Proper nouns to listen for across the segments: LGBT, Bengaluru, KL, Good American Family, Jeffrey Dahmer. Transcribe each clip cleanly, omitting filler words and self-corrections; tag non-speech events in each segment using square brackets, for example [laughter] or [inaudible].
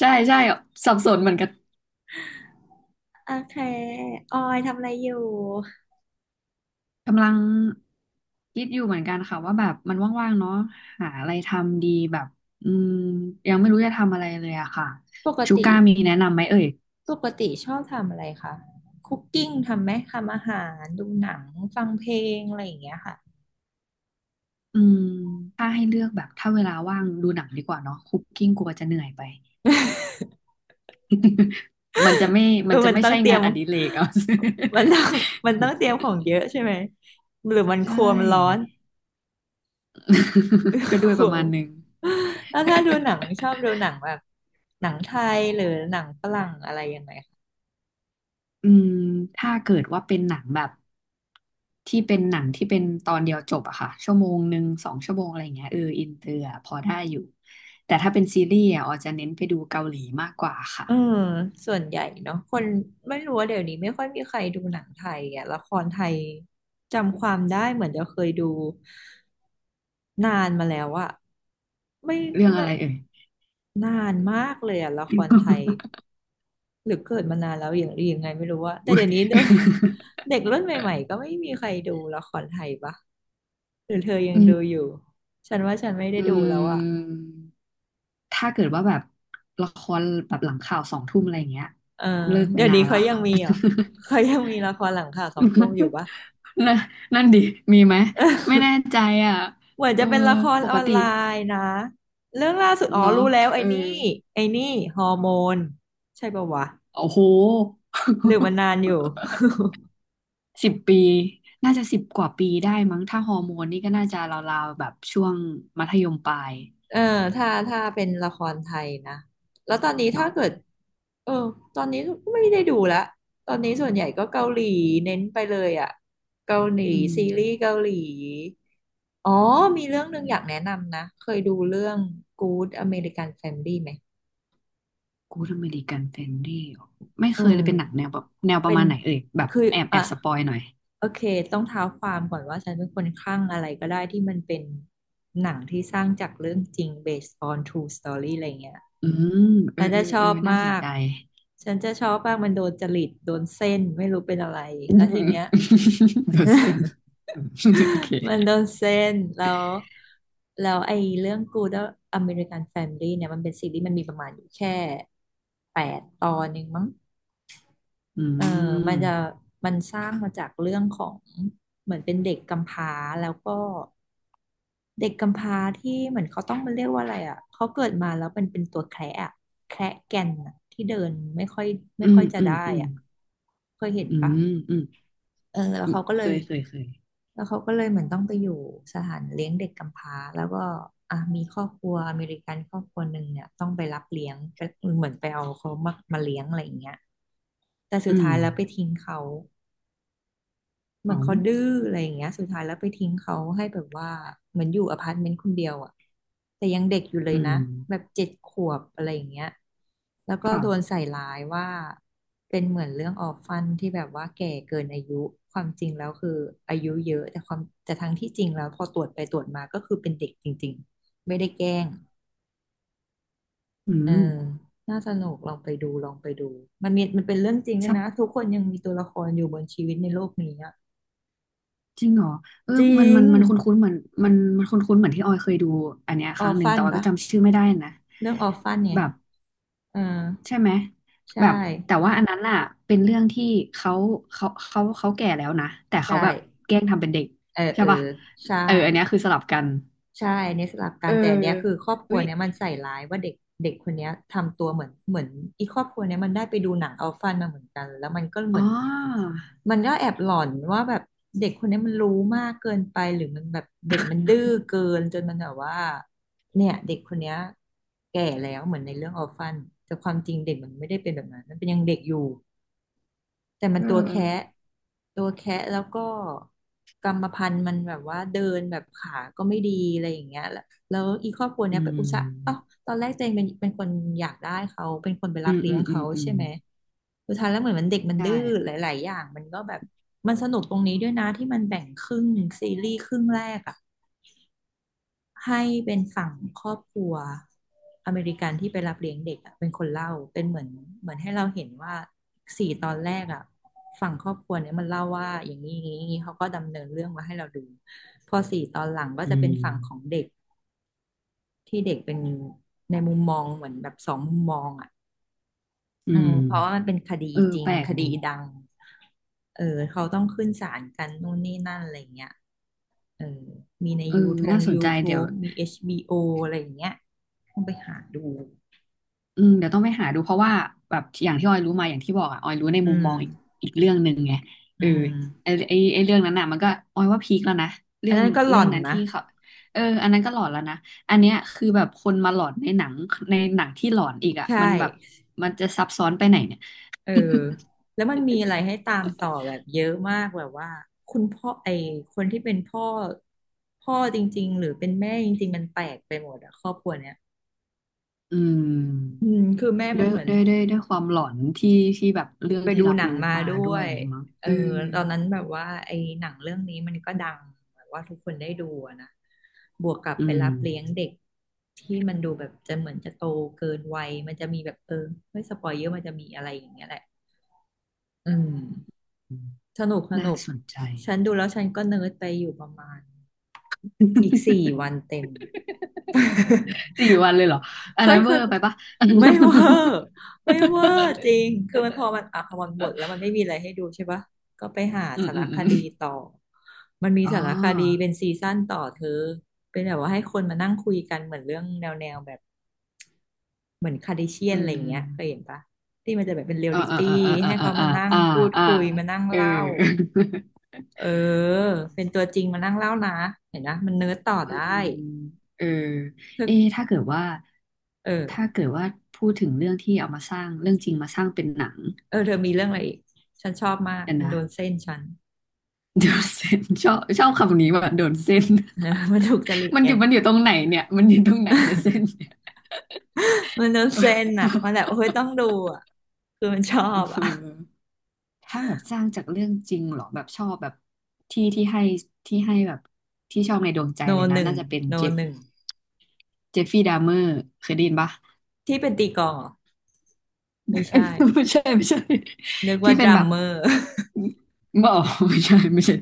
ใช่ใช่สับสนเหมือนกันเคออยทำอะไรอยู่ กำลังคิดอยู่เหมือนกันค่ะว่าแบบมันว่างๆเนาะหาอะไรทำดีแบบอืมยังไม่รู้จะทำอะไรเลยอะค่ะปชูกติก้ามีแนะนำไหมเอ่ยปกติชอบทำอะไรคะคุกกิ้งทำไหม ทำอาหาร ดูหนัง ฟังเพลงอะไรอย่างเงี้ยค่ะอืมถ้าให้เลือกแบบถ้าเวลาว่างดูหนังดีกว่าเนาะคุกกิ้งกลัวจะเหนื่อยไปมันจะไม่เอมัอนจะมันไม่ต้องใช่เตรียงามนอดิเรกเอา มันต้อง [laughs] มันต้องเตรียมของเยอะใช่ไหมหรือมันครัวใช่ มันร้อน [laughs] ก็ [laughs] ด้วคยปรัระวมาณนึง แล้วถ้าดูหนังชอบดูหนังแบบหนังไทยหรือหนังฝรั่งอะไรยังไง [laughs] อืมถ้าเกิดว่าเป็นหนังแบบ ที่เป็นหนังที่เป็นตอนเดียวจบอะค่ะชั่วโมงหนึ่งสองชั่วโมงอะไรอย่างเงี้ยเอออินเตอร์อะพอได้อยู่แต่ถ้าเป็นซีรีส์อะออจะเน้นไปดูเกาหลีมากกว่าค่ะเออส่วนใหญ่เนาะคนไม่รู้ว่าเดี๋ยวนี้ไม่ค่อยมีใครดูหนังไทยอ่ะละครไทยจำความได้เหมือนจะเคยดูนานมาแล้วอะไม่เรื่องไม่อะไรเอ่ย [laughs] นานมากเลยอะละครไทยหรือเกิดมานานแล้วอย่างหรือยังไงไม่รู้ว่าแต่เดี๋ยวนี้เด็ก [laughs] เด็กรุ่นใหม่ๆก็ไม่มีใครดูละครไทยปะหรือเธอยังอืดูมอยู่ฉันว่าฉันไม่ได้อืดูแล้วอะมถ้าเกิดว่าแบบละครแบบหลังข่าวสองทุ่มอะไรอย่างเงี้ยเออเลิกไปเดี๋ยวนานี้นแล้เขาวยังค่ะ มีเหรอเขายังมีละครหลังข่าวสองทุ่มอยู่ปะ [laughs] นั่นนั่นดิมีไหมไม่แน่ [laughs] ใจอ่ะเหมือนเอจะอเป็นละครปอกอนติไลน์นะเรื่องล่าสุดอ๋อเนาะรู้แล้วเอไอ้อนี่ไอ้นี่ฮอร์โมนใช่ปะวะโอ้โห หรือมันนานอยู่ [laughs] สิบปีน่าจะสิบกว่าปีได้มั้งถ้าฮอร์โมนนี่ก็น่าจะราวๆแบบช่วงมัธยมปลายเออถ้าถ้าเป็นละครไทยนะแล้วตอนนี้ถ้าเนาะเกิดเออตอนนี้ก็ไม่ได้ดูละตอนนี้ส่วนใหญ่ก็เกาหลีเน้นไปเลยอะเกาหลีอืมซีรีส์เกาหลีอ๋อมีเรื่องหนึ่งอยากแนะนำนะเคยดูเรื่อง Good American Family ไหม กูดอเมริกันเฟรนดี้ไม่เคอืยเลมยเป็นหนังแนวแบบแนวปเป็ระนมาณไหนเอ่ยแบบคือแอบแออ่ะบสปอยหน่อยโอเคต้องเท้าความก่อนว่าฉันเป็นคนคลั่งอะไรก็ได้ที่มันเป็นหนังที่สร้างจากเรื่องจริง based on true story อะไรเงี้ยอืมเออฉันเอจะอชเอออบน่ามาสนกใจ ฉันจะชอบมากมันโดนจริตโดนเส้นไม่รู้เป็นอะไร [laughs] อืแล้วทีมเนี้ย เดี๋ยวเซน [laughs] อืมโอเคมันโดนเส้นแล้วแล้วไอ้เรื่อง Good American Family เนี่ยมันเป็นซีรีส์มันมีประมาณอยู่แค่8 ตอนเองมั้ง อืเออมันจะมมันสร้างมาจากเรื่องของเหมือนเป็นเด็กกำพร้าแล้วก็เด็กกำพร้าที่เหมือนเขาต้องมันเรียกว่าอะไรอ่ะเขาเกิดมาแล้วเป็นตัวแคระอะแคระแก่นอะที่เดินไม่ค่อยอืมจะอืมได้อืมอ่ะเคยเห็นอืปะมอืมเออแล้วอืมเขาก็เคเลยยเคยเคยแล้วเขาก็เลยเหมือนต้องไปอยู่สถานเลี้ยงเด็กกำพร้าแล้วก็อ่ะมีครอบครัวอเมริกันครอบครัวหนึ่งเนี่ยต้องไปรับเลี้ยงไปเหมือนไปเอาเขามามาเลี้ยงอะไรอย่างเงี้ยแต่สุดอืมท้ายแล้วไปทิ้งเขา เหมือ๋ออนเขาดื้ออะไรอย่างเงี้ยสุดท้ายแล้วไปทิ้งเขาให้แบบว่าเหมือนอยู่อพาร์ตเมนต์คนเดียวอ่ะแต่ยังเด็กอยู่เลอืยนะมแบบ7 ขวบอะไรอย่างเงี้ยแล้วก็โดนค่ะใส่ร้ายว่าเป็นเหมือนเรื่องออฟฟันที่แบบว่าแก่เกินอายุความจริงแล้วคืออายุเยอะแต่ความแต่ทั้งที่จริงแล้วพอตรวจไปตรวจมาก็คือเป็นเด็กจริงๆไม่ได้แกล้งอืเอมอน่าสนุกลองไปดูลองไปดูมันมีมันเป็นเรื่องจริงด้วยนะทุซับ กคนยังมีตัวละครอยู่บนชีวิตในโลกนี้อะจริงเหรอเออจมัรินง มันมันคุ้นๆเหมือนมันคุ้นๆเหมือนที่ออยเคยดูอันเนี้ยคออรั้งฟหนึ่งฟัแต่นออยก็ปะจำชื่อไม่ได้นะเรื่องออฟฟันเนี่ยแบบเออใช่ไหมใช่แบบแต่ว่าอันนั้นอ่ะเป็นเรื่องที่เขาเขาแก่แล้วนะแต่ใช่เขาแบบแกล้งทำเป็นเด็กเออใช่เออป่ะใช่เอออันเนี้ยคือสลับกันใช่เนี่ยสลับกัเอนอแต่อันเนี้ยคือครอบครัอุ๊วยเนี้ยมันใส่ร้ายว่าเด็กเด็กคนเนี้ยทำตัวเหมือนอีครอบครัวเนี้ยมันได้ไปดูหนังอัลฟันมาเหมือนกันแล้วมันก็เหอ๋มือนอมันก็แอบหลอนว่าแบบเด็กคนเนี้ยมันรู้มากเกินไปหรือมันแบบเด็กมันดื้อเกินจนมันแบบว่าเนี่ยเด็กคนเนี้ยแก่แล้วเหมือนในเรื่องอัลฟันแต่ความจริงเด็กมันไม่ได้เป็นแบบนั้นมันเป็นยังเด็กอยู่ แต่มัเอนตัวอแคะแล้วก็กรรมพันธุ์มันแบบว่าเดินแบบขาก็ไม่ดีอะไรอย่างเงี้ยแล้วแล้วอีครอบครัวอืเนี้ยไปอุตส่าห์เอ้ามตอนแรกตัวเองเป็นคนอยากได้เขาเป็นคนไปรัอืบมเลี้อืยงมอืมเขาอืใช่มไหมสุดท้ายแล้วเหมือนมันเด็กมันใช่ดื้อหลายๆอย่างมันก็แบบมันสนุกตรงนี้ด้วยนะที่มันแบ่งครึ่งซีรีส์ครึ่งแรกอะ ให้เป็นฝั่งครอบครัวอเมริกันที่ไปรับเลี้ยงเด็กเป็นคนเล่าเป็นเหมือนให้เราเห็นว่าสี่ตอนแรกอ่ะฝั่งครอบครัวเนี้ยมันเล่าว่าอย่างนี้อย่างนี้อย่างนี้เขาก็ดำเนินเรื่องมาให้เราดูพอสี่ตอนหลังก็อืจะเป็นฝั่งของมเด็กที่เด็กเป็นในมุมมองเหมือนแบบ2มุมมองอ่ะอืมเพราะว่ามันเป็นคดีเออจริงแปลกคดีดีดังเออเขาต้องขึ้นศาลกันนู่นนี่นั่นอะไรเงี้ยเออมีในเออยูทง น่าสนใจเดี๋ยว YouTube มีHBOอะไรอย่างเงี้ย ต้องไปหาดูเดี๋ยวต้องไปหาดูเพราะว่าแบบอย่างที่ออยรู้มาอย่างที่บอกอ่ะออยรู้ในอืมุมมมองอีกอีกเรื่องหนึ่งไงอืเออมไอไอไอเรื่องนั้นน่ะมันก็ออยว่าพีคแล้วนะอัเรื่นองนั้นก็หล่เรื่อองนนั้นนะ ที่เขาเอออันนั้นก็หลอนแล้วนะอันเนี้ยคือแบบคนมาหลอนในหนังในหนังที่หลอนอีกอ่ะใช่มันแบบมันจะซับซ้อนไปไหนเนี่ยเออแล้วมันมีอะไรให้ตามต่อแบบเยอะมากแบบว่าคุณพ่อไอคนที่เป็นพ่อจริงๆหรือเป็นแม่จริงๆมันแปลกไปหมดอะครอบครัวเนี้ยอือืมมคือแม่ด้มัวนยเหมือน ความหลอนที่ที่แบบเรื่องไปที่ดูรับหนังรู้มามาด้ด้ววยอยย่างงี้มั้งเออเออตอนนั้นแบบว่าไอ้หนังเรื่องนี้มันก็ดังแบบว่าทุกคนได้ดูอะนะ บวกกับอืไปรัมบเลี้ยงเด็กที่มันดูแบบจะเหมือนจะโตเกินวัยมันจะมีแบบเออไม่สปอยเยอะมันจะมีอะไรอย่างเงี้ยแหละอืมสนุกสน่านุกสนใจ ฉันดูแล้วฉันก็เนิร์ดไปอยู่ประมาณอีกสี่ [laughs] วันเต็ม [laughs] สี่วันเลยเหรออัเคนนั้ย น [laughs] เคเวอยร์ไปปะ ไม่เวอร์ไม่เวอร์จริ [laughs] งคือมันพอมันอ่ะพอมันหมดแล้วมันไม่มีอะไรให้ดูใช่ปะก็ไปหาอืมสารอืมคอืมดีต่อมันมีอ๋อสารคดีเป็นซีซั่นต่อเธอเป็นแบบว่าให้คนมานั่งคุยกันเหมือนเรื่องแนวแบบเหมือนคาร์ดิเชียอืนอะไรอย่างเงี้ยเคยมเห็นปะที่มันจะแบบเป็นเรียลอ่าลิอ่าตี้อ่าอ่าให้เขาอ่ามานั่งอ่าอ่าพูดอ่าคุยมานั่งเออเล่าเออเป็นตัวจริงมานั่งเล่านะเห็นนะมันเนิร์ดต่ออืได้มเออเธอเอะถ้าเกิดว่าถ้าเออเกิดว่าพูดถึงเรื่องที่เอามาสร้างเรื่องจริงมาสร้างเป็นหนังเออเธอมีเรื่องอะไรอีกฉันชอบมากกันมันนะโดนเส้นฉัน โดนเส้นชอบชอบคำนี้ว่าโดนเส้น [laughs] เออมันถูกจริตมันอไง ยู่มันอยู่ตรงไหนเนี่ยมันอยู่ตรงไหนเนี่ยเส้น [laughs] เนี่ยมันโดนเซนอ่ะมันแบบโอ้ยต้องดูอ่ะคือมันชอเอบอ่ะอ ถ้าแบบสร้างจากเรื่องจริงเหรอแบบชอบแบบที่ให้แบบที่ชอบในดวงใจโนเลยหนะนึ่งน่าจะเป็นโนเจฟหนึ่งเจฟฟี่ดาเมอร์เคยได้ยินปะ ที่เป็นตีกลองเหรอไม่ใช่ [laughs] ไม่ใช่นึกที่ว่าดเป็นรัแบมบเมอร์ บอไม่ใช่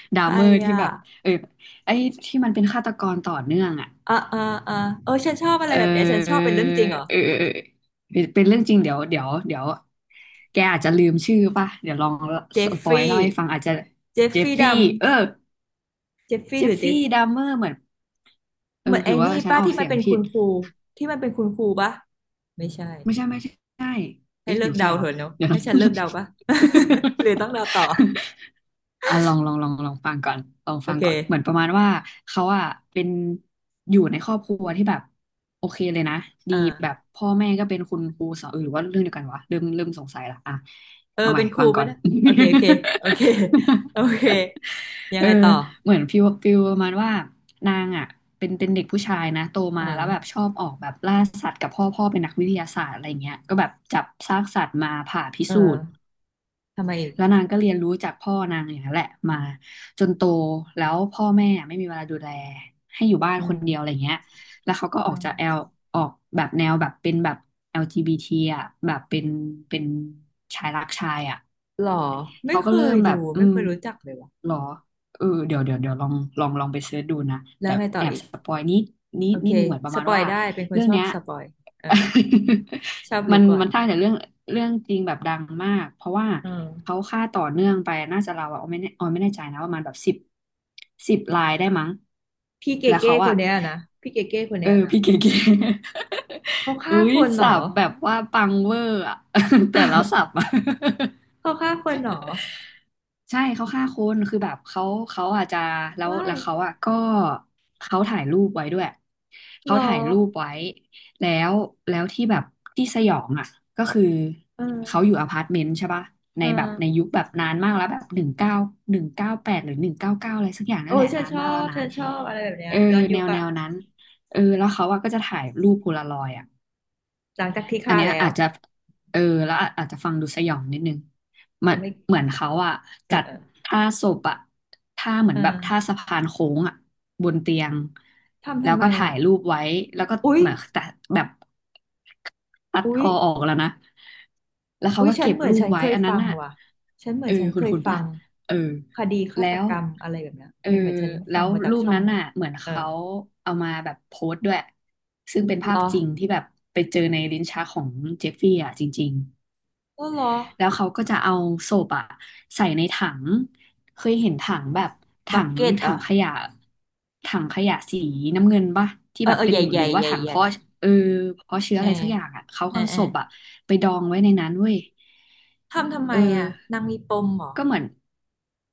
[laughs] ดาใครเมอร์ที่อ่ะแบบเออไอ้ที่มันเป็นฆาตกรต่อเนื่องอ่ะอ่ะอ่ะอ่ะเออฉันชอบอะไรเอแบบเนี้ยฉันชอบอเป็นเรื่องจริงเหรอเออเป็นเป็นเรื่องจริงเดี๋ยวแกอาจจะลืมชื่อป่ะเดี๋ยวลองเจสฟปอยฟี่เล่าให้ฟังอาจจะเจฟเจฟฟี่ฟี่ดัมเออ เจฟเจฟี่หฟรือเจฟี่ฟดัมเมอร์เหมือนเอเหอมือนหรืไอ้อว่านี่ฉันป้าออกเสียงผิดที่มันเป็นคุณครูปะไม่ใช่ ไม่ใช่ใช่ให้เอ๊ะเลิเดี๋กยวใช่เดาเถวะ อะเนาะ [laughs] เดี๋ยวให้นะ ฉันเลิกเดาปะ [laughs] หรือต้องเดาต่อ [laughs] อ่ะลองฟังก่อนลองโอฟังเคก่อนเหมือนประมาณว่าเขาอ่ะเป็นอยู่ในครอบครัวที่แบบโอเคเลยนะดีแบบอ่า พ่อแม่ก็เป็นคุณครูสอนเออหรือว่าเรื่องเดียวกันวะเริ่มสงสัยละอ่ะเออเอาใหม่เป็นครูฟังไปก่อน นะโอเคโอเคโอเคยั [laughs] งเอไงอต่อเหมือนฟิลประมาณว่านางอ่ะเป็นเป็นเด็กผู้ชายนะโตมาอ่าแล้วแบบชอบออกแบบล่าสัตว์กับพ่อพ่อเป็นนักวิทยาศาสตร์อะไรเงี้ยก็แบบจับซากสัตว์มาผ่าพิเออสูจน์ทำไมอีกแล้วนางก็เรียนรู้จากพ่อนางอย่างนั้นแหละมาจนโตแล้วพ่อแม่ไม่มีเวลาดูแลให้อยู่บ้านอืคนมเดียวอะไรเงี้ยแล้วเขาก็ออือกจากแอลมออกแบบแนวแบบเป็นแบบ LGBT อลจีบีทีอ่ะแบบเป็นเป็นชายรักชายอ่ะ หรอไม่เขาเคก็เริ่ยมแบดูบไม่เคยรู้จักเลยว่ะหรอเออเดี๋ยวลองลองไปเสิร์ชดูนะแล้วเดี๋ยวไงต่อแอบอีกสปอยนิดนิโอดเคนิดนึงเหมือนประสมาณปอยว่าได้เป็นคนเรื่องชอบเนี้ย สปอยเออชอบ [laughs] มัรู้นก่อนมันสร้างแต่เรื่องจริงแบบดังมากเพราะว่าเอืมเขาฆ่าต่อเนื่องไปน่าจะเราวอะออยไม่แน่ใจนะประมาณแบบสิบลายได้มั้งพี่เกแล้วเก้เขาคอะนเนี้ยนะพี่เกเก้คนเอเนี้ยอนะพี่เก๋ๆ เขา [laughs] ฆ่าอุ้ยคนเหรสัอ บแบบว่าปังเวอร์อะ [laughs] แต่แล้วสับ [laughs] อะ เขาฆ่าคนเหรอใช่เขาฆ่าคนคือแบบเขาอาจจะแล้วว้าแล้ยวเขาอ่ะก็เขาถ่ายรูปไว้ด้วยเหรเขาอถ่ายรูปไว้แล้วแล้วที่แบบที่สยองอ่ะก็คือเอเขาออยู่อพาร์ตเมนต์ใช่ปะในเอแบอบในยุคแบบนานมากแล้วแบบหนึ่งเก้าหนึ่งเก้าแปดหรือหนึ่งเก้าเก้าอะไรสักอย่างนั่โอ้นแหยละฉันนานชอมากแล้วบนะฉันชอบอะไรแบบเนี้เอยอย้อนยุแนควแนอะวนั้นเออแล้วเขาอ่ะก็จะถ่ายรูปโพลารอยด์อ่ะ หลังจากที่อันฆ่าเนี้ยแล้ว อาจจะเออแล้วอาจจะฟังดูสยองนิดนึงมัแต่นไม่เหมือนเขาอะเอจัอดเออท่าศพอะท่าเหมือเอนแบบท่าอสะพานโค้งอะบนเตียงแล้ทำวไมก็ถ่าอ่ะยรูปไว้แล้วก็อุ๊ยเหมือนแต่แบบ ตัดอุ๊คยอออกแล้วนะ แล้วเขาอุ๊ยก็เก็บรูปไว้ อันนั้นน่ะฉันเหมืเอออนฉันคุเคณยคุณฟัปะงเออ คดีฆาแล้ตวกรรมอะไรแบบเนี้ยเออเหมือนฉันแล้ฟังวมาจากรูปช่องนั้นนั้นน่ะ เหมือนเออเขาเอามาแบบโพสต์ด้วย ซึ่งเป็นเหรภาพอจริงที่แบบไปเจอในลิ้นชักของเจฟฟี่อ่ะจริง ก็เหรอแล้วเขาก็จะเอาศพอะใส่ในถังเคยเห็นถังแบบบัถักงเก็ตเหรถัองขยะถังขยะสีน้ำเงินปะที่เอแบอบเออเป็ใหนญ่ใหหรืญ่อว่าใหญ่ถังใหญ่เพาะเออเพาะเชื้อเออะอไรสักอย่างอะเขาเอก็อเอาเอศอพอะไปดองไว้ในนั้นเว้ยทำไมเอออ่ะนางมีปมเหรอก็เหมือน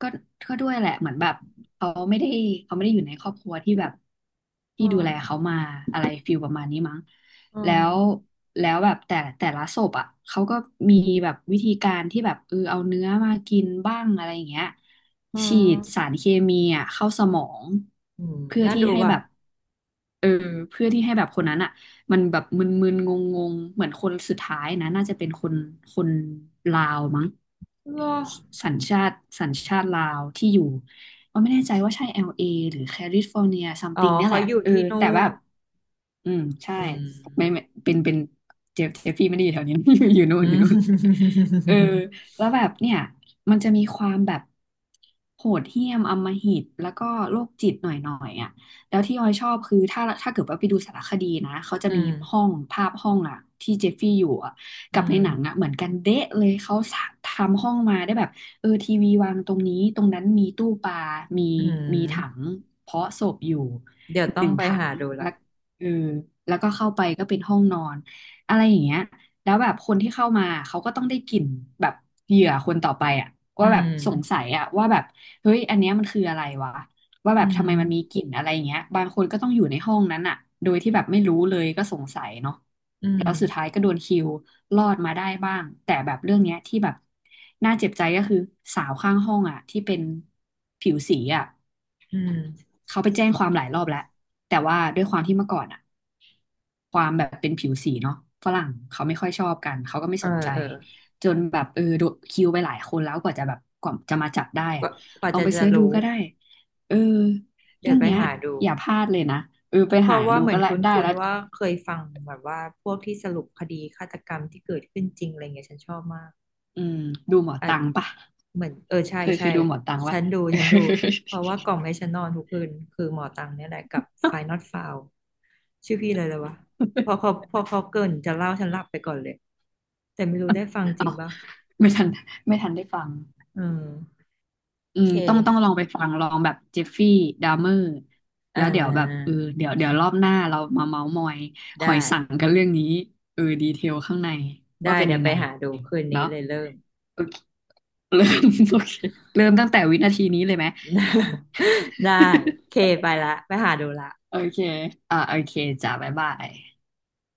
ก็ก็ด้วยแหละเหมือนแบบเขาไม่ได้เขาไม่ได้อยู่ในครอบครัวที่แบบอืที่ดูแลเขามมาอะไรฟิลประมาณนี้มั้ง อืแล้มวแล้วแบบแต่แต่ละศพอ่ะเขาก็มีแบบวิธีการที่แบบเออเอาเนื้อมากินบ้างอะไรอย่างเงี้ยอืฉีดสามรเคมีอ่ะเข้าสมองอืมเพื่อน่าที่ดูให้ว่ะแบบเออเพื่อที่ให้แบบคนนั้นอ่ะมันแบบมึนๆงงๆเหมือนคนสุดท้ายนะน่าจะเป็นคนลาวมั้งเหรอสัญชาติลาวที่อยู่ก็ไม่แน่ใจว่าใช่ LA หรือแคลิฟอร์เนียซัมอ๋อติงเนี่ยเขาแหละอยู่เออที่นู่แต่แบนบ อืมใช่อืมไม่เป็นเจฟฟี่ไม่ได้อยู่แถวนี้ [laughs] อยู่นู่อืนอยู่นู่นม เออแล้วแบบเนี่ยมันจะมีความแบบโหดเหี้ยมอำมหิตแล้วก็โรคจิตหน่อยอ่ะแล้วที่ออยชอบคือถ้าเกิดว่าไปดูสารคดีนะเขาจะอืมีมห้องอ่ะที่เจฟฟี่อยู่อ่ะอืกับในมหนังอ่ะเหมือนกันเดะเลยเขาทำห้องมาได้แบบเออทีวีวางตรงนี้ตรงนั้นมีตู้ปลามีอืมีถังมเพาะศพอยู่เดี๋ยวต้หองนึ่งไปถัหาง ดูละเออแล้วก็เข้าไปก็เป็นห้องนอนอะไรอย่างเงี้ยแล้วแบบคนที่เข้ามาเขาก็ต้องได้กลิ่นแบบเหยื่อคนต่อไปอะอืว่าแบบมสงสัยอะว่าแบบเฮ้ยอันเนี้ยมันคืออะไรวะว่าอืแบบทำมไมมันมีกลิ่นอะไรอย่างเงี้ยบางคนก็ต้องอยู่ในห้องนั้นอะโดยที่แบบไม่รู้เลยก็สงสัยเนาะอืแล้มวสุดท้ายก็โดนคิวรอดมาได้บ้างแต่แบบเรื่องเนี้ยที่แบบน่าเจ็บใจก็คือสาวข้างห้องอะที่เป็นผิวสีอะอืมเขาไปแจ้งความหลายรอบแล้วแต่ว่าด้วยความที่เมื่อก่อนอะ ความแบบเป็นผิวสีเนาะฝรั่งเขาไม่ค่อยชอบกันเขาก็ไม่เออสนใจเออจนแบบเออโดนคิวไปหลายคนแล้วกว่าจะแบบกว่าจะมาจับได้กอะว่ากว่าลองจะไปจะเสิร์ชดูรู้ก็ได้เออเดี๋เรื่ยวองไปเนี้ยหาดู อย่าพลาดเลยนะเออไปเพหาราะว่าดูเหมืก็อนละคุได้้นแล้วๆว่าเคยฟังแบบว่าพวกที่สรุปคดีฆาตกรรมที่เกิดขึ้นจริงอะไรเงี้ยฉันชอบมาก อืมดูหมออ่ะตังปะเหมือนเออใช่เคยเคใช่ยดูหมอตังปะ ฉันดูเพราะว่ากล่องให้ฉันนอนทุกคืนคือหมอตังเนี่ยแหละกับ Final File ชื่อพี่เลยเลยวะ[laughs] พอเขาเกริ่นจะเล่าฉันหลับไปก่อนเลยแต่ไม่รู้ได้ฟังจเอาริงปะไม่ทันไม่ทันได้ฟัง อืมอืโอมเคต้องลองไปฟัง ลองแบบเจฟฟี่ ดาเมอร์อ่แล้วเดี๋ยวแบบาเออเดี๋ยวรอบหน้าเรามาเมาส์มอยหได้อยสังกันเรื่องนี้เออดีเทลข้างใน ว่าได้เป็นเดี๋ยยัวงไปไง หาดูคืนนี้เนาะเลยเริ่ม โอเคเริ่ม [laughs] โอเคเริ่มตั้งแต่วินาทีนี้เลยไหม [laughs] ได้โอเคไปละไปหาดูละ [laughs] โอเค อ่าโอเคจ้าบ๊ายบาย